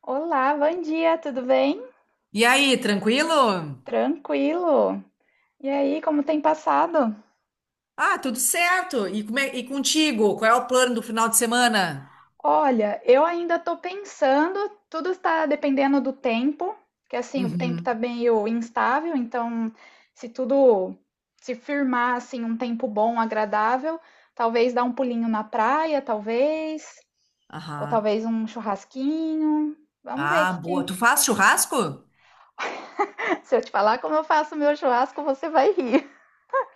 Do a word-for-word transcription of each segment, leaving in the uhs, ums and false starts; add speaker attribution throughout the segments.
Speaker 1: Olá, bom dia, tudo bem?
Speaker 2: E aí, tranquilo?
Speaker 1: Tranquilo. E aí, como tem passado?
Speaker 2: Ah, tudo certo. E, como é- e contigo? Qual é o plano do final de semana?
Speaker 1: Olha, eu ainda tô pensando, tudo está dependendo do tempo, que assim, o tempo
Speaker 2: Uhum.
Speaker 1: tá meio instável, então se tudo se firmar assim um tempo bom, agradável, talvez dar um pulinho na praia, talvez, ou
Speaker 2: Aham.
Speaker 1: talvez um churrasquinho. Vamos ver o
Speaker 2: Ah,
Speaker 1: que
Speaker 2: boa. Tu
Speaker 1: que-
Speaker 2: faz churrasco?
Speaker 1: Se eu te falar como eu faço meu churrasco, você vai rir.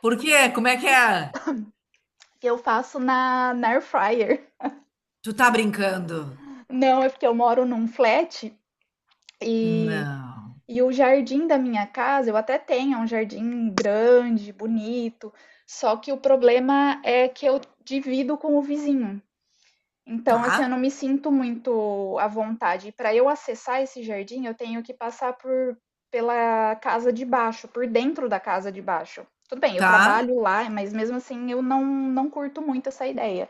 Speaker 2: Por quê? Como é que é?
Speaker 1: Eu faço na, na air fryer.
Speaker 2: Tu tá brincando?
Speaker 1: Não, é porque eu moro num flat e,
Speaker 2: Não.
Speaker 1: e o jardim da minha casa, eu até tenho, é um jardim grande, bonito, só que o problema é que eu divido com o vizinho. Então, assim, eu
Speaker 2: Tá?
Speaker 1: não me sinto muito à vontade. E para eu acessar esse jardim, eu tenho que passar por pela casa de baixo, por dentro da casa de baixo. Tudo bem, eu
Speaker 2: Tá?
Speaker 1: trabalho lá, mas mesmo assim eu não, não curto muito essa ideia.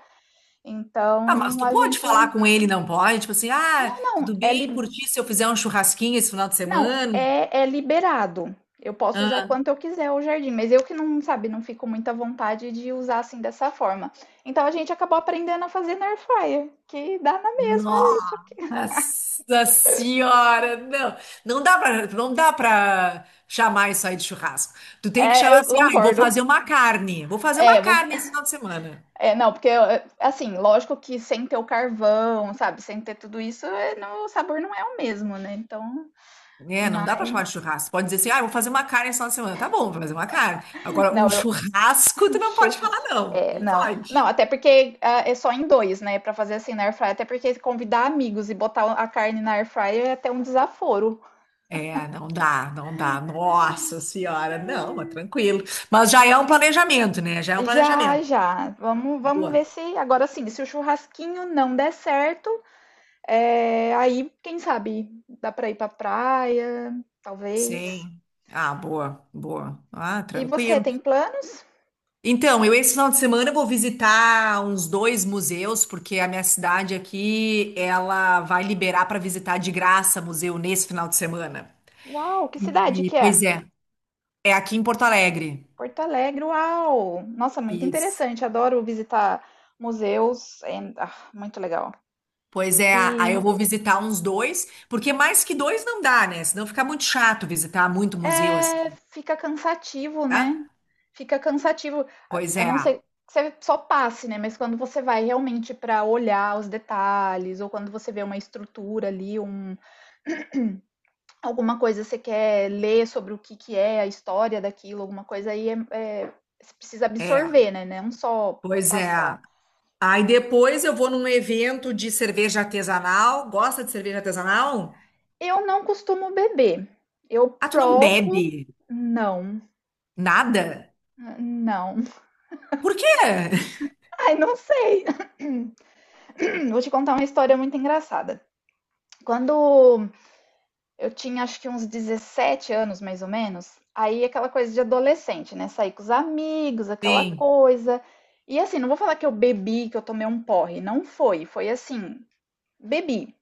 Speaker 2: Ah, mas
Speaker 1: Então,
Speaker 2: tu
Speaker 1: a
Speaker 2: pode
Speaker 1: gente
Speaker 2: falar com ele, não pode? Tipo assim, ah,
Speaker 1: não, não,
Speaker 2: tudo
Speaker 1: é.
Speaker 2: bem por ti se eu fizer um churrasquinho esse final de
Speaker 1: Não,
Speaker 2: semana?
Speaker 1: é é liberado. Eu posso usar quanto eu quiser o jardim, mas eu que não, sabe, não fico muita vontade de usar, assim, dessa forma. Então a gente acabou aprendendo a fazer na air fryer, que dá na mesma.
Speaker 2: Nossa senhora, não, não dá para, não dá para chamar isso aí de churrasco. Tu tem que
Speaker 1: É,
Speaker 2: chamar
Speaker 1: eu
Speaker 2: assim, ah, eu vou
Speaker 1: concordo.
Speaker 2: fazer uma carne, vou fazer
Speaker 1: É,
Speaker 2: uma
Speaker 1: eu vou,
Speaker 2: carne esse final de semana.
Speaker 1: é, não, porque, eh, assim, lógico que sem ter o carvão, sabe, sem ter tudo isso, eh, não, o sabor não é o mesmo, né, então
Speaker 2: É, não dá para chamar
Speaker 1: mas
Speaker 2: de churrasco. Pode dizer assim, ah, eu vou fazer uma carne esse final de semana. Tá bom, vou fazer uma carne. Agora, um
Speaker 1: não, eu...
Speaker 2: churrasco, tu não pode falar
Speaker 1: Churrasco.
Speaker 2: não,
Speaker 1: É,
Speaker 2: não
Speaker 1: não. Não,
Speaker 2: pode.
Speaker 1: até porque ah, é só em dois, né? Pra fazer assim na air fryer, até porque convidar amigos e botar a carne na air fryer é até um desaforo.
Speaker 2: É, não dá, não dá. Nossa senhora, não, mas tranquilo. Mas já é um planejamento, né? Já é um planejamento.
Speaker 1: Já, já. Vamos, vamos ver
Speaker 2: Boa.
Speaker 1: se agora sim, se o churrasquinho não der certo, é, aí quem sabe dá pra ir pra praia, talvez.
Speaker 2: Sim. Ah, boa, boa. Ah,
Speaker 1: E você
Speaker 2: tranquilo.
Speaker 1: tem planos?
Speaker 2: Então, eu esse final de semana vou visitar uns dois museus, porque a minha cidade aqui, ela vai liberar para visitar de graça museu nesse final de semana.
Speaker 1: Uau, que cidade
Speaker 2: E,
Speaker 1: que é?
Speaker 2: pois é, é aqui em Porto Alegre.
Speaker 1: Porto Alegre, uau! Nossa, muito
Speaker 2: Isso.
Speaker 1: interessante. Adoro visitar museus. É, ah, muito legal.
Speaker 2: Pois é,
Speaker 1: E
Speaker 2: aí eu vou visitar uns dois, porque mais que dois não dá, né? Senão fica muito chato visitar muito museu
Speaker 1: é,
Speaker 2: assim,
Speaker 1: fica cansativo, né?
Speaker 2: tá?
Speaker 1: Fica cansativo, a,
Speaker 2: Pois
Speaker 1: a
Speaker 2: é,
Speaker 1: não ser que você só passe, né? Mas quando você vai realmente para olhar os detalhes, ou quando você vê uma estrutura ali, um, alguma coisa você quer ler sobre o que, que é a história daquilo, alguma coisa aí, é, é, você precisa
Speaker 2: é,
Speaker 1: absorver, né? Não só
Speaker 2: pois é.
Speaker 1: passar.
Speaker 2: Aí depois eu vou num evento de cerveja artesanal. Gosta de cerveja artesanal?
Speaker 1: Eu não costumo beber. Eu
Speaker 2: Ah, tu não
Speaker 1: provo.
Speaker 2: bebe
Speaker 1: Não,
Speaker 2: nada?
Speaker 1: não.
Speaker 2: Por quê?
Speaker 1: Ai, não sei. Vou te contar uma história muito engraçada. Quando eu tinha acho que uns dezessete anos, mais ou menos. Aí aquela coisa de adolescente, né? Sair com os amigos, aquela
Speaker 2: Sim.
Speaker 1: coisa. E assim, não vou falar que eu bebi, que eu tomei um porre. Não foi. Foi assim, bebi.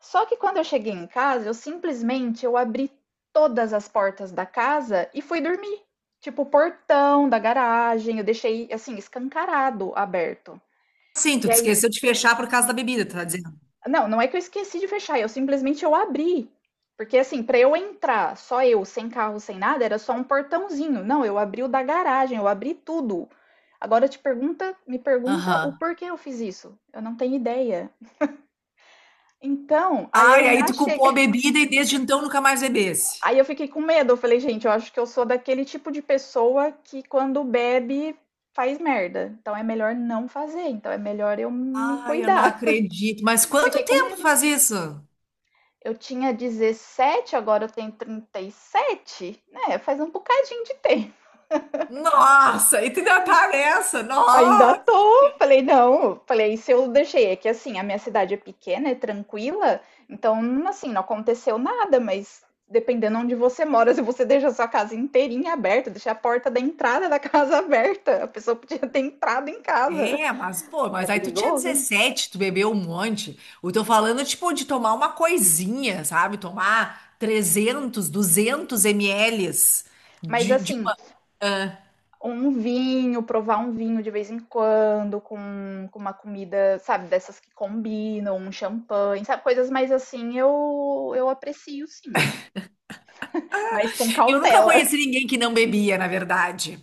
Speaker 1: Só que quando eu cheguei em casa, eu simplesmente eu abri todas as portas da casa e fui dormir. Tipo, o portão da garagem, eu deixei assim, escancarado, aberto.
Speaker 2: Sim,
Speaker 1: E
Speaker 2: tu te
Speaker 1: aí
Speaker 2: esqueceu de fechar por causa da bebida, tu tá dizendo.
Speaker 1: não, não é que eu esqueci de fechar, eu simplesmente eu abri. Porque assim, para eu entrar, só eu, sem carro, sem nada, era só um portãozinho. Não, eu abri o da garagem, eu abri tudo. Agora te pergunta, me pergunta o
Speaker 2: Aham.
Speaker 1: porquê eu fiz isso. Eu não tenho ideia. Então, aí eu
Speaker 2: Ai, aí
Speaker 1: já
Speaker 2: tu culpou a
Speaker 1: cheguei,
Speaker 2: bebida e desde então nunca mais bebesse.
Speaker 1: aí eu fiquei com medo. Eu falei, gente, eu acho que eu sou daquele tipo de pessoa que quando bebe faz merda. Então é melhor não fazer. Então é melhor eu me
Speaker 2: Ai, eu não
Speaker 1: cuidar.
Speaker 2: acredito. Mas quanto
Speaker 1: Fiquei com
Speaker 2: tempo
Speaker 1: medo.
Speaker 2: faz isso?
Speaker 1: Eu tinha dezessete, agora eu tenho trinta e sete, né? Faz um bocadinho de tempo.
Speaker 2: Nossa, e tu ainda tá nessa?
Speaker 1: Ainda
Speaker 2: Nossa!
Speaker 1: tô, falei, não, falei, se eu deixei, é que assim, a minha cidade é pequena, é tranquila, então, assim, não aconteceu nada, mas dependendo onde você mora, se você deixa a sua casa inteirinha aberta, deixa a porta da entrada da casa aberta, a pessoa podia ter entrado em casa.
Speaker 2: É, mas, pô,
Speaker 1: É
Speaker 2: mas aí tu tinha
Speaker 1: perigoso.
Speaker 2: dezessete, tu bebeu um monte. Eu tô falando, tipo, de tomar uma coisinha, sabe? Tomar trezentos, duzentos ml
Speaker 1: Mas
Speaker 2: de, de
Speaker 1: assim,
Speaker 2: uma... ah.
Speaker 1: um vinho, provar um vinho de vez em quando, com, com uma comida, sabe, dessas que combinam, um champanhe, sabe, coisas mais assim, eu, eu aprecio sim, mas com
Speaker 2: Eu nunca
Speaker 1: cautela.
Speaker 2: conheci ninguém que não bebia, na verdade.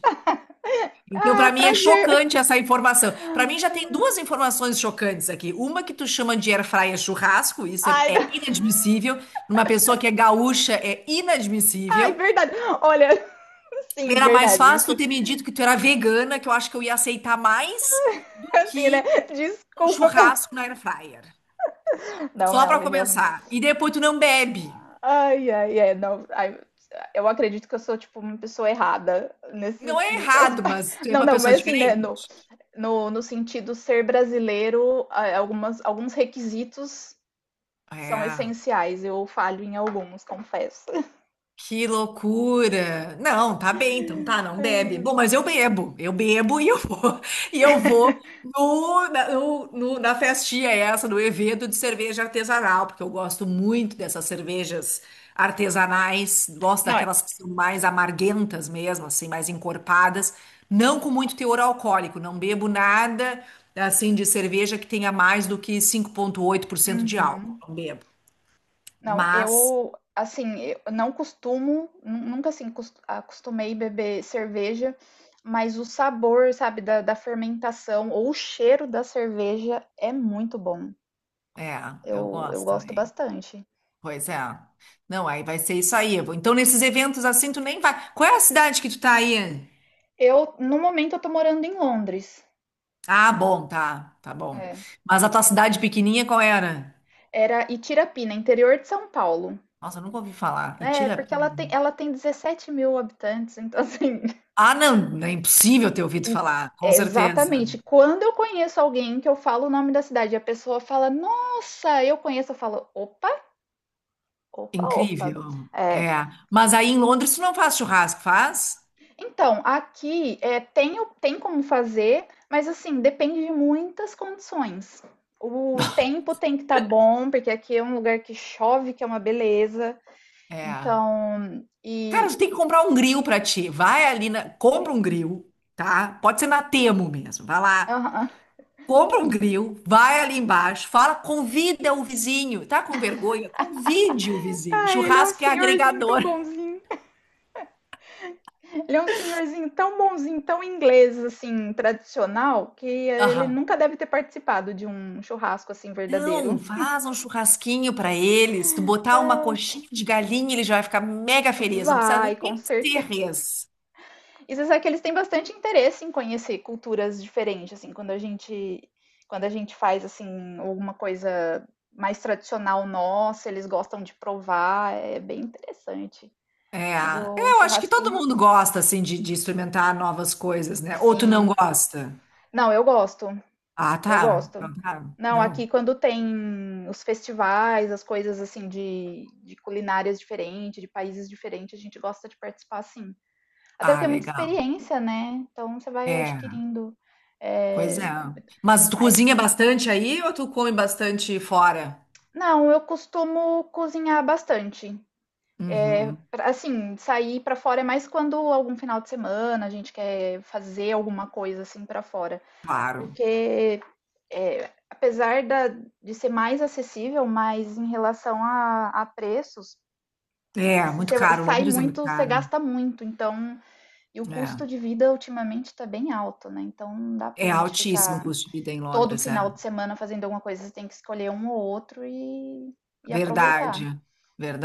Speaker 2: Então,
Speaker 1: Ah,
Speaker 2: pra mim, é
Speaker 1: prazer.
Speaker 2: chocante essa informação. Pra mim, já tem duas informações chocantes aqui. Uma que tu chama de air fryer churrasco, isso é,
Speaker 1: Ai,
Speaker 2: é inadmissível. Numa pessoa que é gaúcha, é
Speaker 1: ai,
Speaker 2: inadmissível.
Speaker 1: verdade. Olha, sim,
Speaker 2: Era mais
Speaker 1: verdade,
Speaker 2: fácil
Speaker 1: isso.
Speaker 2: tu ter me dito que tu era vegana, que eu acho que eu ia aceitar mais do
Speaker 1: Assim, né?
Speaker 2: que um
Speaker 1: Desculpa pelo.
Speaker 2: churrasco na air fryer.
Speaker 1: Não,
Speaker 2: Só
Speaker 1: não,
Speaker 2: pra
Speaker 1: realmente.
Speaker 2: começar. E depois tu não bebe.
Speaker 1: Ai, ai, ai, não. Ai, eu acredito que eu sou, tipo, uma pessoa errada
Speaker 2: Não
Speaker 1: nesses,
Speaker 2: é
Speaker 1: nesse
Speaker 2: errado,
Speaker 1: aspecto.
Speaker 2: mas tu é
Speaker 1: Não,
Speaker 2: uma
Speaker 1: não,
Speaker 2: pessoa
Speaker 1: mas assim, né? No,
Speaker 2: diferente.
Speaker 1: no, no sentido ser brasileiro, a- algumas, alguns requisitos são
Speaker 2: É.
Speaker 1: essenciais. Eu falho em alguns, confesso.
Speaker 2: Que loucura! Não, tá bem, então tá, não bebe. Bom, mas eu bebo, eu bebo e eu vou, e eu vou no, na, no- no- na festinha essa, no evento de cerveja artesanal, porque eu gosto muito dessas cervejas artesanais, gosto
Speaker 1: Não é.
Speaker 2: daquelas que são mais amarguentas mesmo, assim, mais encorpadas, não com muito teor alcoólico, não bebo nada, assim, de cerveja que tenha mais do que cinco vírgula oito por cento de álcool,
Speaker 1: Uhum.
Speaker 2: não bebo.
Speaker 1: Não,
Speaker 2: Mas,
Speaker 1: eu assim, eu não costumo, nu- nunca assim cos- acostumei beber cerveja, mas o sabor, sabe, da, da fermentação ou o cheiro da cerveja é muito bom.
Speaker 2: é, eu
Speaker 1: Eu, eu
Speaker 2: gosto
Speaker 1: gosto
Speaker 2: também.
Speaker 1: bastante.
Speaker 2: Pois é. Não, aí vai ser isso aí. Eu vou- Então, nesses eventos assim, tu nem vai. Qual é a cidade que tu tá aí?
Speaker 1: Eu, no momento, eu tô morando em Londres.
Speaker 2: Ah, bom, tá, tá bom.
Speaker 1: É.
Speaker 2: Mas a tua cidade pequenininha, qual era?
Speaker 1: Era Itirapina, interior de São Paulo.
Speaker 2: Nossa, eu nunca ouvi falar. E
Speaker 1: É,
Speaker 2: tira.
Speaker 1: porque ela tem, ela tem dezessete mil habitantes, então assim.
Speaker 2: Ah, não, não é impossível ter ouvido
Speaker 1: em-
Speaker 2: falar, com
Speaker 1: É,
Speaker 2: certeza.
Speaker 1: exatamente. Quando eu conheço alguém que eu falo o nome da cidade, e a pessoa fala, nossa, eu conheço, eu falo, opa, opa, opa.
Speaker 2: Incrível.
Speaker 1: É.
Speaker 2: É. Mas aí em Londres tu não faz churrasco, faz?
Speaker 1: Então, aqui é, tem, o- tem como fazer, mas assim, depende de muitas condições. O tempo tem que estar bom, porque aqui é um lugar que chove, que é uma beleza.
Speaker 2: É.
Speaker 1: Então,
Speaker 2: Cara,
Speaker 1: e.
Speaker 2: tu tem que comprar um grill pra ti. Vai ali na... compra um grill, tá? Pode ser na Temo mesmo. Vai lá,
Speaker 1: Aham.
Speaker 2: compra um grill, vai ali embaixo, fala, convida o vizinho. Tá com vergonha? Convide o vizinho.
Speaker 1: Ai, ele é um
Speaker 2: Churrasco é
Speaker 1: senhorzinho tão
Speaker 2: agregador.
Speaker 1: bonzinho. Ele é um senhorzinho tão bonzinho, tão inglês, assim, tradicional, que ele
Speaker 2: Aham.
Speaker 1: nunca deve ter participado de um churrasco, assim, verdadeiro.
Speaker 2: Então, faz um churrasquinho pra eles. Tu botar uma coxinha de galinha, ele já vai ficar mega feliz. Não
Speaker 1: Vai,
Speaker 2: precisa
Speaker 1: com
Speaker 2: nem ser
Speaker 1: certeza.
Speaker 2: res.
Speaker 1: E você sabe que eles têm bastante interesse em conhecer culturas diferentes, assim, quando a gente, quando a gente faz, assim, alguma coisa mais tradicional nossa, eles gostam de provar, é bem interessante.
Speaker 2: É,
Speaker 1: Mas
Speaker 2: é,
Speaker 1: o
Speaker 2: eu acho que todo
Speaker 1: churrasquinho,
Speaker 2: mundo gosta, assim, de, de experimentar novas coisas, né? Ou tu não
Speaker 1: assim.
Speaker 2: gosta?
Speaker 1: Não, eu gosto.
Speaker 2: Ah,
Speaker 1: Eu
Speaker 2: tá.
Speaker 1: gosto.
Speaker 2: Então tá.
Speaker 1: Não, aqui
Speaker 2: Não.
Speaker 1: quando tem os festivais, as coisas assim de, de culinárias diferentes, de países diferentes, a gente gosta de participar sim. Até
Speaker 2: Ah,
Speaker 1: porque é muita
Speaker 2: legal.
Speaker 1: experiência, né? Então você vai
Speaker 2: É.
Speaker 1: adquirindo.
Speaker 2: Pois
Speaker 1: É,
Speaker 2: é. Mas tu
Speaker 1: mas
Speaker 2: cozinha bastante aí ou tu come bastante fora?
Speaker 1: não, eu costumo cozinhar bastante.
Speaker 2: Uhum,
Speaker 1: Pra- Assim, sair pra fora é mais quando algum final de semana a gente quer fazer alguma coisa assim pra fora.
Speaker 2: claro.
Speaker 1: Porque, é, apesar da, de ser mais acessível, mas em relação a, a preços,
Speaker 2: É,
Speaker 1: se
Speaker 2: muito
Speaker 1: você
Speaker 2: caro.
Speaker 1: sai
Speaker 2: Londres é muito
Speaker 1: muito, você
Speaker 2: caro.
Speaker 1: gasta muito. Então, e o
Speaker 2: É.
Speaker 1: custo de vida ultimamente está bem alto, né? Então, não dá pra
Speaker 2: É
Speaker 1: gente
Speaker 2: altíssimo o
Speaker 1: ficar
Speaker 2: custo de vida em
Speaker 1: todo
Speaker 2: Londres, é.
Speaker 1: final de semana fazendo alguma coisa. Você tem que escolher um ou outro e, e aproveitar.
Speaker 2: Verdade.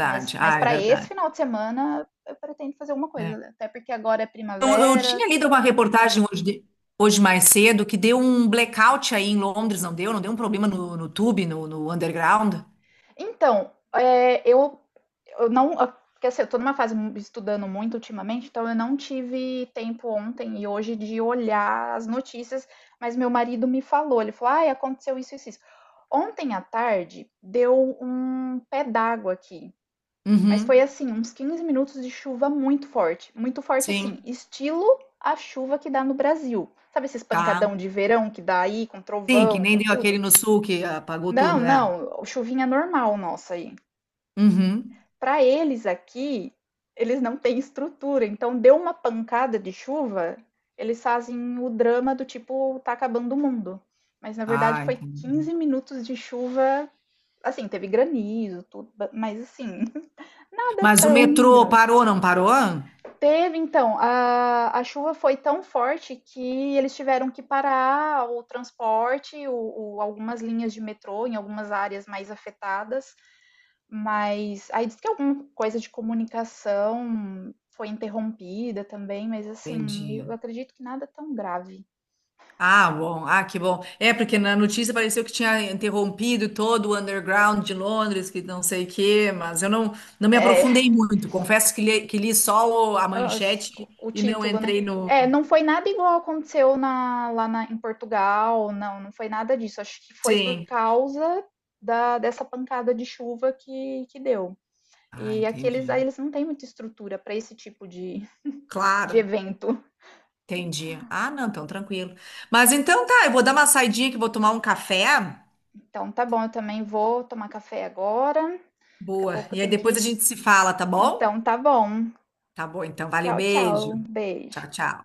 Speaker 1: Mas, mas
Speaker 2: Ah, é
Speaker 1: para esse
Speaker 2: verdade.
Speaker 1: final de semana, eu pretendo fazer alguma
Speaker 2: É.
Speaker 1: coisa. Até porque agora é
Speaker 2: Eu, eu
Speaker 1: primavera.
Speaker 2: tinha lido uma reportagem hoje, de- hoje mais cedo que deu um blackout aí em Londres, não deu? Não deu um problema no, no tube, no, no underground?
Speaker 1: Então, é, eu, eu não. eu- Porque assim, eu tô numa fase mu- estudando muito ultimamente, então eu não tive tempo ontem e hoje de olhar as notícias, mas meu marido me falou, ele falou, ai, aconteceu isso, isso, isso. Ontem à tarde deu um pé d'água aqui, mas foi
Speaker 2: Uhum,
Speaker 1: assim, uns quinze minutos de chuva muito forte, muito forte assim,
Speaker 2: sim,
Speaker 1: estilo a chuva que dá no Brasil. Sabe esse espancadão
Speaker 2: tá.
Speaker 1: de verão que dá aí, com
Speaker 2: Sim, que
Speaker 1: trovão,
Speaker 2: nem
Speaker 1: com
Speaker 2: deu
Speaker 1: tudo?
Speaker 2: aquele no sul que apagou tudo,
Speaker 1: Não,
Speaker 2: né?
Speaker 1: não, chuvinha normal nossa aí.
Speaker 2: Uhum.
Speaker 1: Para eles aqui, eles não têm estrutura, então deu uma pancada de chuva, eles fazem o drama do tipo, tá acabando o mundo. Mas na verdade
Speaker 2: Ah,
Speaker 1: foi
Speaker 2: entendi.
Speaker 1: quinze minutos de chuva, assim, teve granizo, tudo, mas assim, nada
Speaker 2: Mas o
Speaker 1: tão
Speaker 2: metrô
Speaker 1: grave.
Speaker 2: parou, não parou?
Speaker 1: Teve então, a, a chuva foi tão forte que eles tiveram que parar o transporte, o, o- algumas linhas de metrô em algumas áreas mais afetadas. Mas aí diz que alguma coisa de comunicação foi interrompida também, mas assim,
Speaker 2: Entendi.
Speaker 1: eu acredito que nada tão grave.
Speaker 2: Ah, bom. Ah, que bom. É, porque na notícia pareceu que tinha interrompido todo o underground de Londres, que não sei o quê, mas eu não, não me
Speaker 1: É,
Speaker 2: aprofundei muito. Confesso que li, que li só o- a
Speaker 1: as-
Speaker 2: manchete
Speaker 1: o
Speaker 2: e não
Speaker 1: título, né?
Speaker 2: entrei no.
Speaker 1: É, não foi nada igual aconteceu na- lá na- em Portugal, não, não foi nada disso. Acho que foi por
Speaker 2: Sim.
Speaker 1: causa da- dessa pancada de chuva que, que deu.
Speaker 2: Ah,
Speaker 1: E aqueles aí
Speaker 2: entendi.
Speaker 1: eles não têm muita estrutura para esse tipo de,
Speaker 2: Claro,
Speaker 1: de evento.
Speaker 2: entendi. Ah, não, então tranquilo. Mas então tá, eu vou dar uma saidinha que eu vou tomar um café.
Speaker 1: Então tá bom, eu também vou tomar café agora. Daqui a
Speaker 2: Boa.
Speaker 1: pouco eu
Speaker 2: E aí
Speaker 1: tenho
Speaker 2: depois a
Speaker 1: que...
Speaker 2: gente se fala, tá bom?
Speaker 1: Então tá bom.
Speaker 2: Tá bom, então. Valeu,
Speaker 1: Tchau,
Speaker 2: beijo.
Speaker 1: tchau. Beijo.
Speaker 2: Tchau, tchau.